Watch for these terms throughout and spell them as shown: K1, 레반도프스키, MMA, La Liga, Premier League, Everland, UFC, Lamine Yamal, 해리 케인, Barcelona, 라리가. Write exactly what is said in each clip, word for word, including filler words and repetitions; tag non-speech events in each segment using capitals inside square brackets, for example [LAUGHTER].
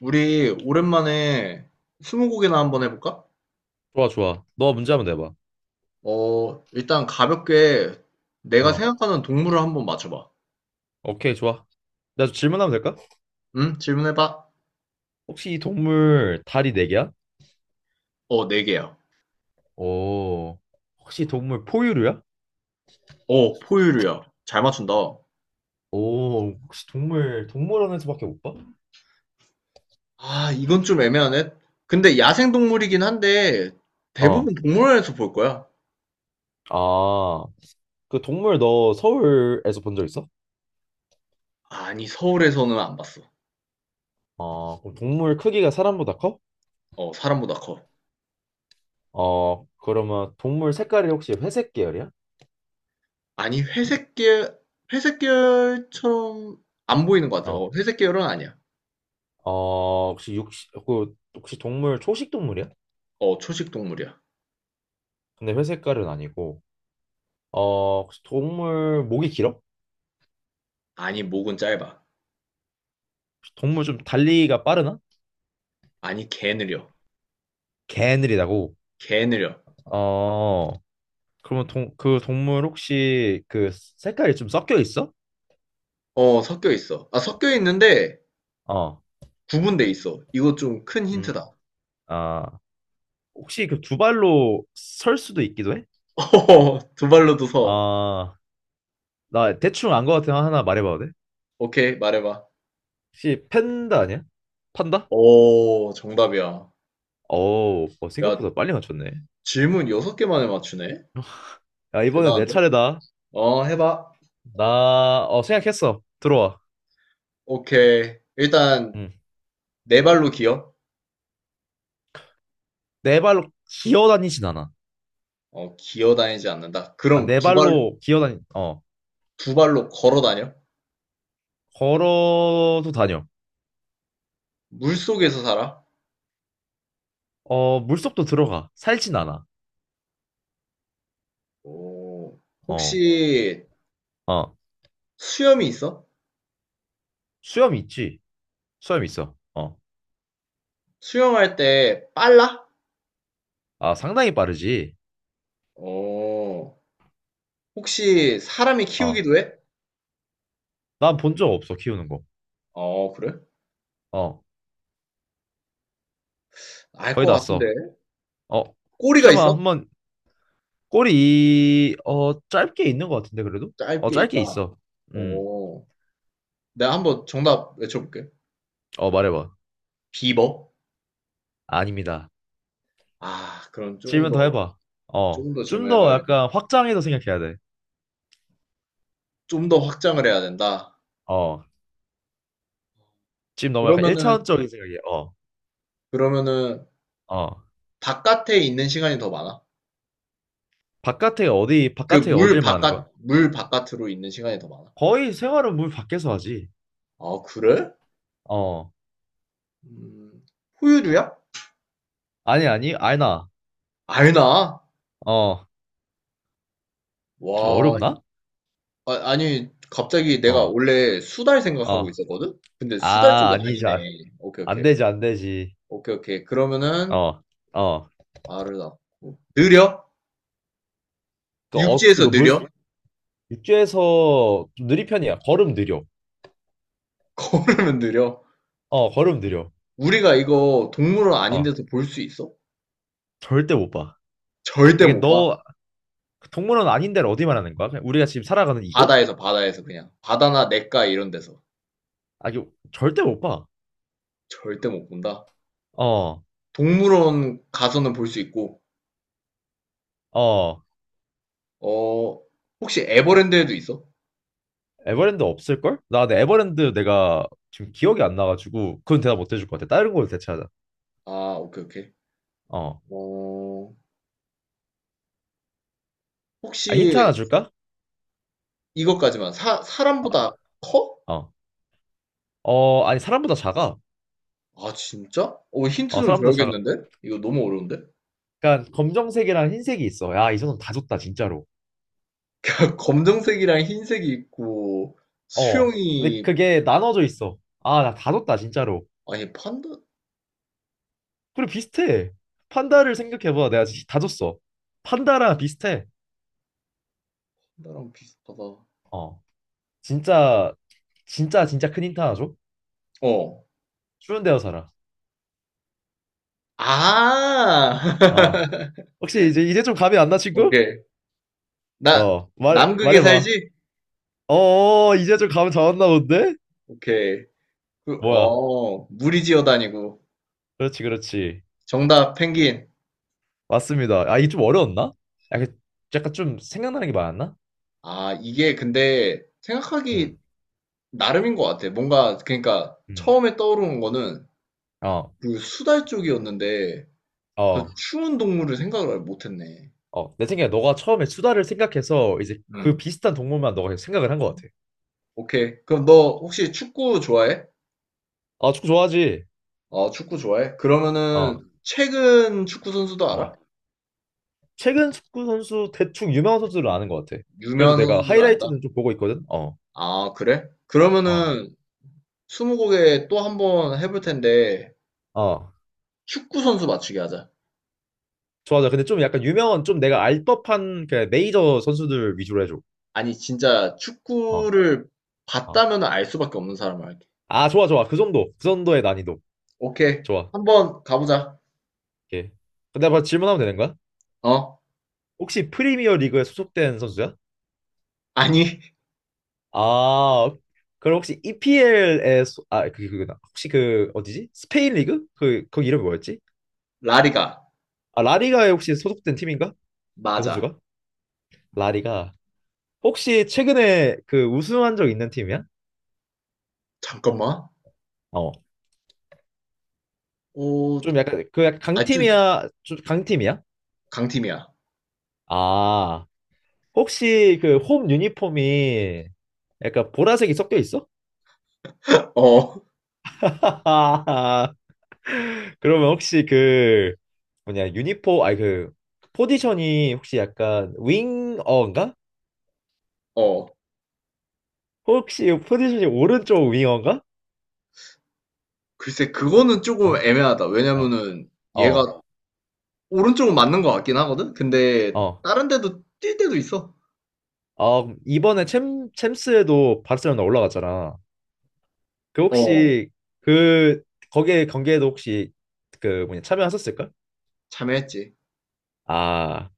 우리 오랜만에 스무고개나 한번 해볼까? 좋아, 좋아. 너 문제 한번 내봐. 어, 일단 가볍게 내가 어. 생각하는 동물을 한번 맞춰봐. 오케이, 좋아. 나 질문하면 될까? 응? 질문해봐. 혹시 이 동물 다리 네 개야? 어, 네 개야. 오. 혹시 동물 포유류야? 어, 포유류야. 잘 맞춘다. 오, 혹시 동물 동물원에서밖에 못 봐? 아, 이건 좀 애매하네. 근데 야생 동물이긴 한데 대부분 어. 동물원에서 볼 거야. 아, 그 동물 너 서울에서 본 적 있어? 아니, 서울에서는 안 봤어. 어, 그럼 동물 크기가 사람보다 커? 어, 사람보다 커. 어, 그러면 동물 색깔이 혹시 회색 계열이야? 아니, 회색 계열, 회색 계열처럼 안 보이는 것 같아. 어, 어. 회색 계열은 아니야. 어, 혹시 육식, 그, 혹시 동물 초식 동물이야? 어, 초식 동물이야. 근데 회색깔은 아니고. 어, 혹시 동물 목이 길어? 아니, 목은 짧아. 동물 좀 달리기가 빠르나? 아니 개 느려. 개느리다고. 개 느려. 어, 그러면 동, 그 동물 혹시 그 색깔이 좀 섞여 있어? 어 섞여 있어. 아 섞여 있는데 어, 구분돼 있어. 이거 좀 큰 음, 힌트다. 아, 혹시 그 두 발로 설 수도 있기도 해? [LAUGHS] 어허허, 두 발로도 서. 아, 나 대충 안 것같은 하나 말해봐도 돼? 오케이 말해봐. 혹시 팬다 아니야? 판다? 오 정답이야. 오, 어, 야 생각보다 빨리 맞췄네. 질문 여섯 개 만에 맞추네. 야, 이번엔 내 대단한데? 차례다. 어 해봐. 나, 어, 생각했어. 들어와. 오케이. 일단 응. 네 발로 기어. 네 발로 기어 다니진 않아. 어 기어 다니지 않는다. 아, 그럼 네 두 발, 발로 기어 다니, 어, 두 발로 걸어 다녀. 걸어도 다녀. 물 속에서 살아. 어, 물속도 들어가. 살진 않아. 오 어, 혹시 어. 수염이 있어? 수염 있지? 수염 있어. 어. 수영할 때 빨라? 아, 상당히 빠르지? 오. 혹시 사람이 어. 키우기도 해? 난 본 적 없어, 키우는 거. 어, 그래? 어. 알 거의 것 다 같은데. 써. 어. 꼬리가 혹시나 있어? 한번 꼬리, 어, 짧게 있는 것 같은데, 그래도? 어, 짧게 짧게 있다. 있어. 음. 오. 내가 한번 정답 외쳐볼게. 어, 말해봐. 비버? 아닙니다. 아, 그럼 조금 질문 더 더, 해봐. 어. 조금 더 질좀 문해봐더 야겠네 약간 확장해서 생각해야 돼. 좀 더 확장을 해야 된다. 어. 지금 너무 약간 그러면은, 일 차원적인 생각이야. 어. 그러면은, 어. 바깥에 있는 시간이 더 많아? 바깥에 어디, 그 바깥에 물 어딜 말하는 거야? 바깥, 물 바깥으로 있는 시간이 더 많아? 거의 생활은 물 밖에서 하지. 아, 그래? 어. 음, 포유류야? 아니, 아니, 아니나. 알나? 어. 좀 와, 어렵나? 아, 니 갑자기 내가 어. 원래 수달 생각하고 어. 있었거든? 근데 수달 아, 쪽이 아니지. 아니네. 아, 오케이, 안 오케이. 되지, 안 되지. 오케이, 오케이. 그러면은, 어. 어. 알을 낳고. 느려? 그, 어, 육지에서 이거 물, 느려? [LAUGHS] 육지에서 좀 느린 편이야. 걸음 느려. 걸으면 느려? 어, 걸음 느려. 우리가 이거 동물원 아닌 어. 데서 볼 수 있어? 절대 못 봐. 아, 절대 이게 못 봐. 너, 동물원 아닌 데를 어디 말하는 거야? 그냥 우리가 지금 살아가는 이곳? 바다에서, 바다에서 그냥. 바다나 냇가 이런 데서. 아, 이거 절대 못 봐. 절대 못 본다. 어. 동물원 가서는 볼 수 있고, 어. 어, 혹시 에버랜드에도 있어? 에버랜드 없을걸? 나 근데 에버랜드 내가 지금 기억이 안 나가지고, 그건 대답 못 해줄 것 같아. 다른 걸로 대체하자. 아, 오케이, 오케이. 어. 어, 아, 혹시 힌트 하나 줄까? 이것까지만. 사 어. 사람보다 커? 어. 어, 아니, 사람보다 작아. 아 진짜? 어 힌트 어, 좀 사람보다 작아. 줘야겠는데? 이거 너무 어려운데? 그러니까 검정색이랑 흰색이 있어. 야, 이 정도면 다 줬다, 진짜로. [LAUGHS] 검정색이랑 흰색이 있고 어. 근데 수영이 그게 나눠져 있어. 아, 나 다 줬다, 진짜로. 아니 판다 그리고 비슷해. 판다를 생각해봐. 내가 진짜 다 줬어. 판다랑 비슷해. 판다랑 비슷하다. 어. 진짜, 진짜, 진짜 큰 힌트 하나 줘? 어. 추운 데서 살아. 아. 어. [LAUGHS] 혹시 이제, 이제 좀 감이 안 나, 친구? 오케이. 나 어. 말, 남극에 말해봐. 살지? 어, 어, 어, 이제 좀 감 잡았나 본데? 오케이. 그, 뭐야. 어, 무리 지어 다니고. 그렇지, 그렇지. 정답 펭귄. 맞습니다. 아, 이게 좀 어려웠나? 약간, 약간 좀 생각나는 게 많았나? 아, 이게 근데 생각하기 음. 나름인 것 같아. 뭔가 그러니까 음. 처음에 떠오르는 거는 어, 그 수달 쪽이었는데 아주 어, 추운 동물을 생각을 못했네. 어. 내 생각에 너가 처음에 수다를 생각해서 이제 그 음, 비슷한 동물만 너가 생각을 한 것 같아. 오케이. 그럼 너 혹시 축구 좋아해? 아, 축구 좋아하지? 어, 축구 좋아해? 그러면은 어, 최근 축구 선수도 알아? 어. 최근 축구 선수 대충 유명한 선수를 아는 것 같아. 그래도 유명한 내가 선수들을 안다? 하이라이트는 좀 보고 있거든. 어, 아, 그래? 어, 그러면은 스무고개 또 한번 해볼 텐데 어. 축구 선수 맞추기 하자. 좋아, 좋아. 근데 좀 약간 유명한, 좀 내가 알 법한 그 메이저 선수들 위주로 해줘. 아니 진짜 어, 축구를 어. 봤다면 알 수밖에 없는 사람을 할게. 아, 좋아, 좋아. 그 정도, 그 정도의 난이도. 오케이. 좋아. 한번 가보자. 오케이. 근데 바로 질문하면 되는 거야? 어? 혹시 프리미어 리그에 소속된 선수야? 아니 [LAUGHS] 아, 그럼 혹시 이피엘에 소... 아, 그게 그거나. 혹시 그 어디지? 스페인 리그? 그 거기 이름이 뭐였지? 라리가 아, 라리가에 혹시 소속된 팀인가? 그 맞아. 선수가? 라리가. 혹시 최근에 그 우승한 적 있는 팀이야? 잠깐만. 어. 어, 좀 약간 그 약간 아, 좀 강팀이야? 좀 강팀이야? 강팀이야. 아. 혹시 그 홈 유니폼이 약간 보라색이 섞여 있어? 어, [LAUGHS] 그러면 혹시 그 뭐냐 유니포 아니 그 포지션이 혹시 약간 윙어인가? 어. 혹시 포지션이 오른쪽 윙어인가? 글쎄, 그거는 조금 어? 애매하다. 어. 왜냐면은 어. 얘가 오른쪽은 맞는 것 같긴 하거든? 근데 어. 다른 데도 뛸 때도 있어. 어, 이번에 챔 챔스에도 바르셀로나 올라갔잖아. 그 어, 혹시 그 거기에 경기에도 혹시 그 뭐냐 참여하셨을까? 참여했지. 아.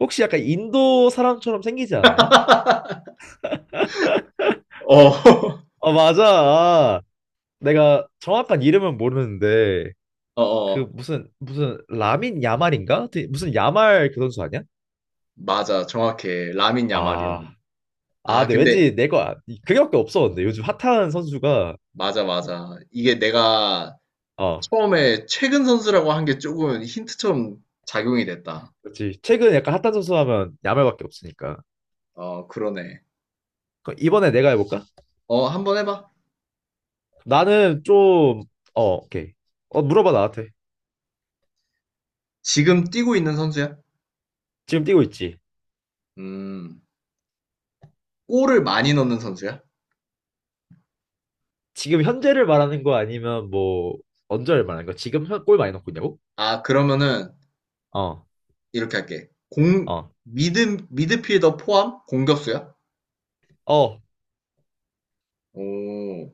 혹시 약간 인도 사람처럼 생기지 않았나? 어, [LAUGHS] 어, 맞아. 아, 내가 정확한 이름은 모르는데 어, 그 어. 무슨 무슨 라민 야말인가? 되게 무슨 야말 그 선수 아니야? 맞아. 정확해. 라민 야말이야. 아, 아, 아, 근데 근데 왠지 내가 그게밖에 없어. 근데 요즘 핫한 선수가 맞아, 맞아. 이게 내가 어, 처음에 최근 선수라고 한 게 조금 힌트처럼 작용이 됐다. 그렇지. 최근 약간 핫한 선수 하면 야말밖에 없으니까. 어, 그러네. 그럼 이번에 내가 해볼까? 어, 한번 해봐. 나는 좀 어, 오케이. 어, 물어봐 나한테. 지금 뛰고 있는 선수야? 지금 뛰고 있지? 음, 골을 많이 넣는 선수야? 지금 현재를 말하는 거 아니면 뭐 언제를 말하는 거? 지금 현- 골 많이 넣고 있냐고? 아, 그러면은 어, 이렇게 할게. 공, 어, 미드, 미드필더 포함 공격수야? 어, 오,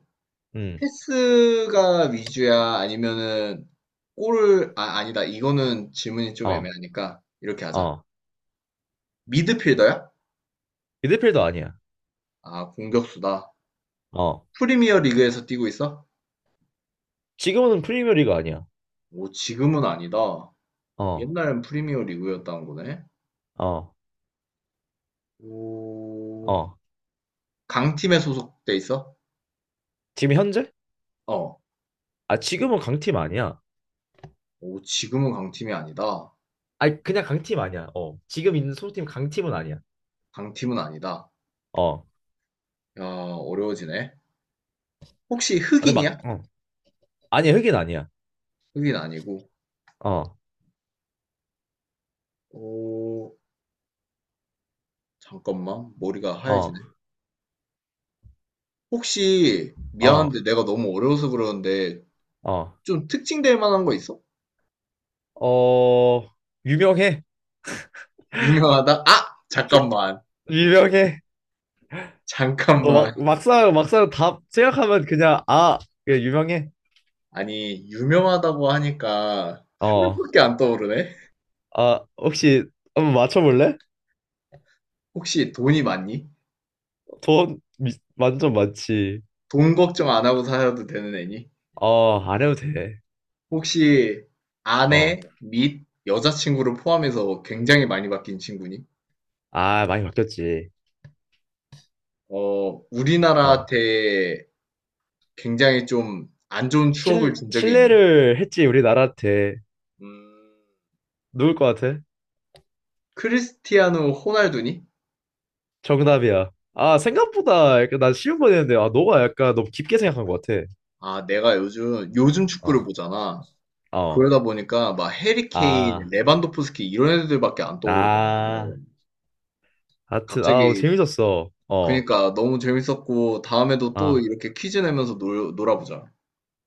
음, 패스가 위주야? 아니면은 골을, 아, 아니다. 이거는 질문이 좀 어, 애매하니까 이렇게 하자. 어. 미드필더야? 미드필더 아니야. 아, 공격수다. 어. 프리미어 리그에서 뛰고 있어? 지금은 프리미어리가 아니야. 오, 지금은 아니다. 어. 옛날엔 프리미어 리그였다는 거네. 어, 오, 어. 강팀에 소속돼 있어? 지금 현재? 어. 아, 지금은 강팀 아니야. 오, 지금은 강팀이 아니다. 아니, 그냥 강팀 아니야. 어. 지금 있는 소속팀 강팀은 아니야. 강팀은 아니다. 어. 아, 야, 어려워지네. 혹시 근데 막, 흑인이야? 어. 아니야, 흑인 아니야. 흑인 아니고. 어, 오, 잠깐만. 머리가 하얘지네. 어, 혹시, 어, 미안한데 내가 너무 어려워서 그러는데, 어. 좀 특징될 만한 거 있어? 어, 유명해. 유명하다? 아! 주- 잠깐만. 유명해. 너 막, 잠깐만. 막상, 막상 답 생각하면 그냥, 아, 그냥 유명해. 아니, 유명하다고 하니까, 한 어. 명밖에 안 떠오르네? 아, 혹시 한번 맞춰볼래? 혹시 돈이 많니? 돈 미- 완전 많지. 돈 걱정 안 하고 살아도 되는 애니? 어, 안 해도 돼. 혹시, 어. 아내 및 여자친구를 포함해서 굉장히 많이 바뀐 친구니? 아, 많이 바뀌었지. 어, 우리나라 어. 대 굉장히 좀 안 좋은 추억을 실, 준 적이 있니? 실례를 했지, 우리나라한테. 음, 누굴 것 같아? 크리스티아누 호날두니? 정답이야. 아, 생각보다 약간 난 쉬운 거 했는데, 아, 너가 약간 너무 깊게 생각한 것 같아. 아, 내가 요즘, 요즘 어, 축구를 보잖아. 어. 그러다 보니까 막 해리 케인, 아, 레반도프스키 이런 애들밖에 안 아. 떠오르더라고. 하여튼, 아, 갑자기, 재밌었어. 어, 그니까 너무 재밌었고, 다음에도 또 아. 이렇게 퀴즈 내면서 놀, 놀아보자.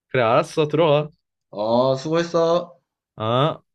그래, 알았어. 들어가. 아, 수고했어. 아.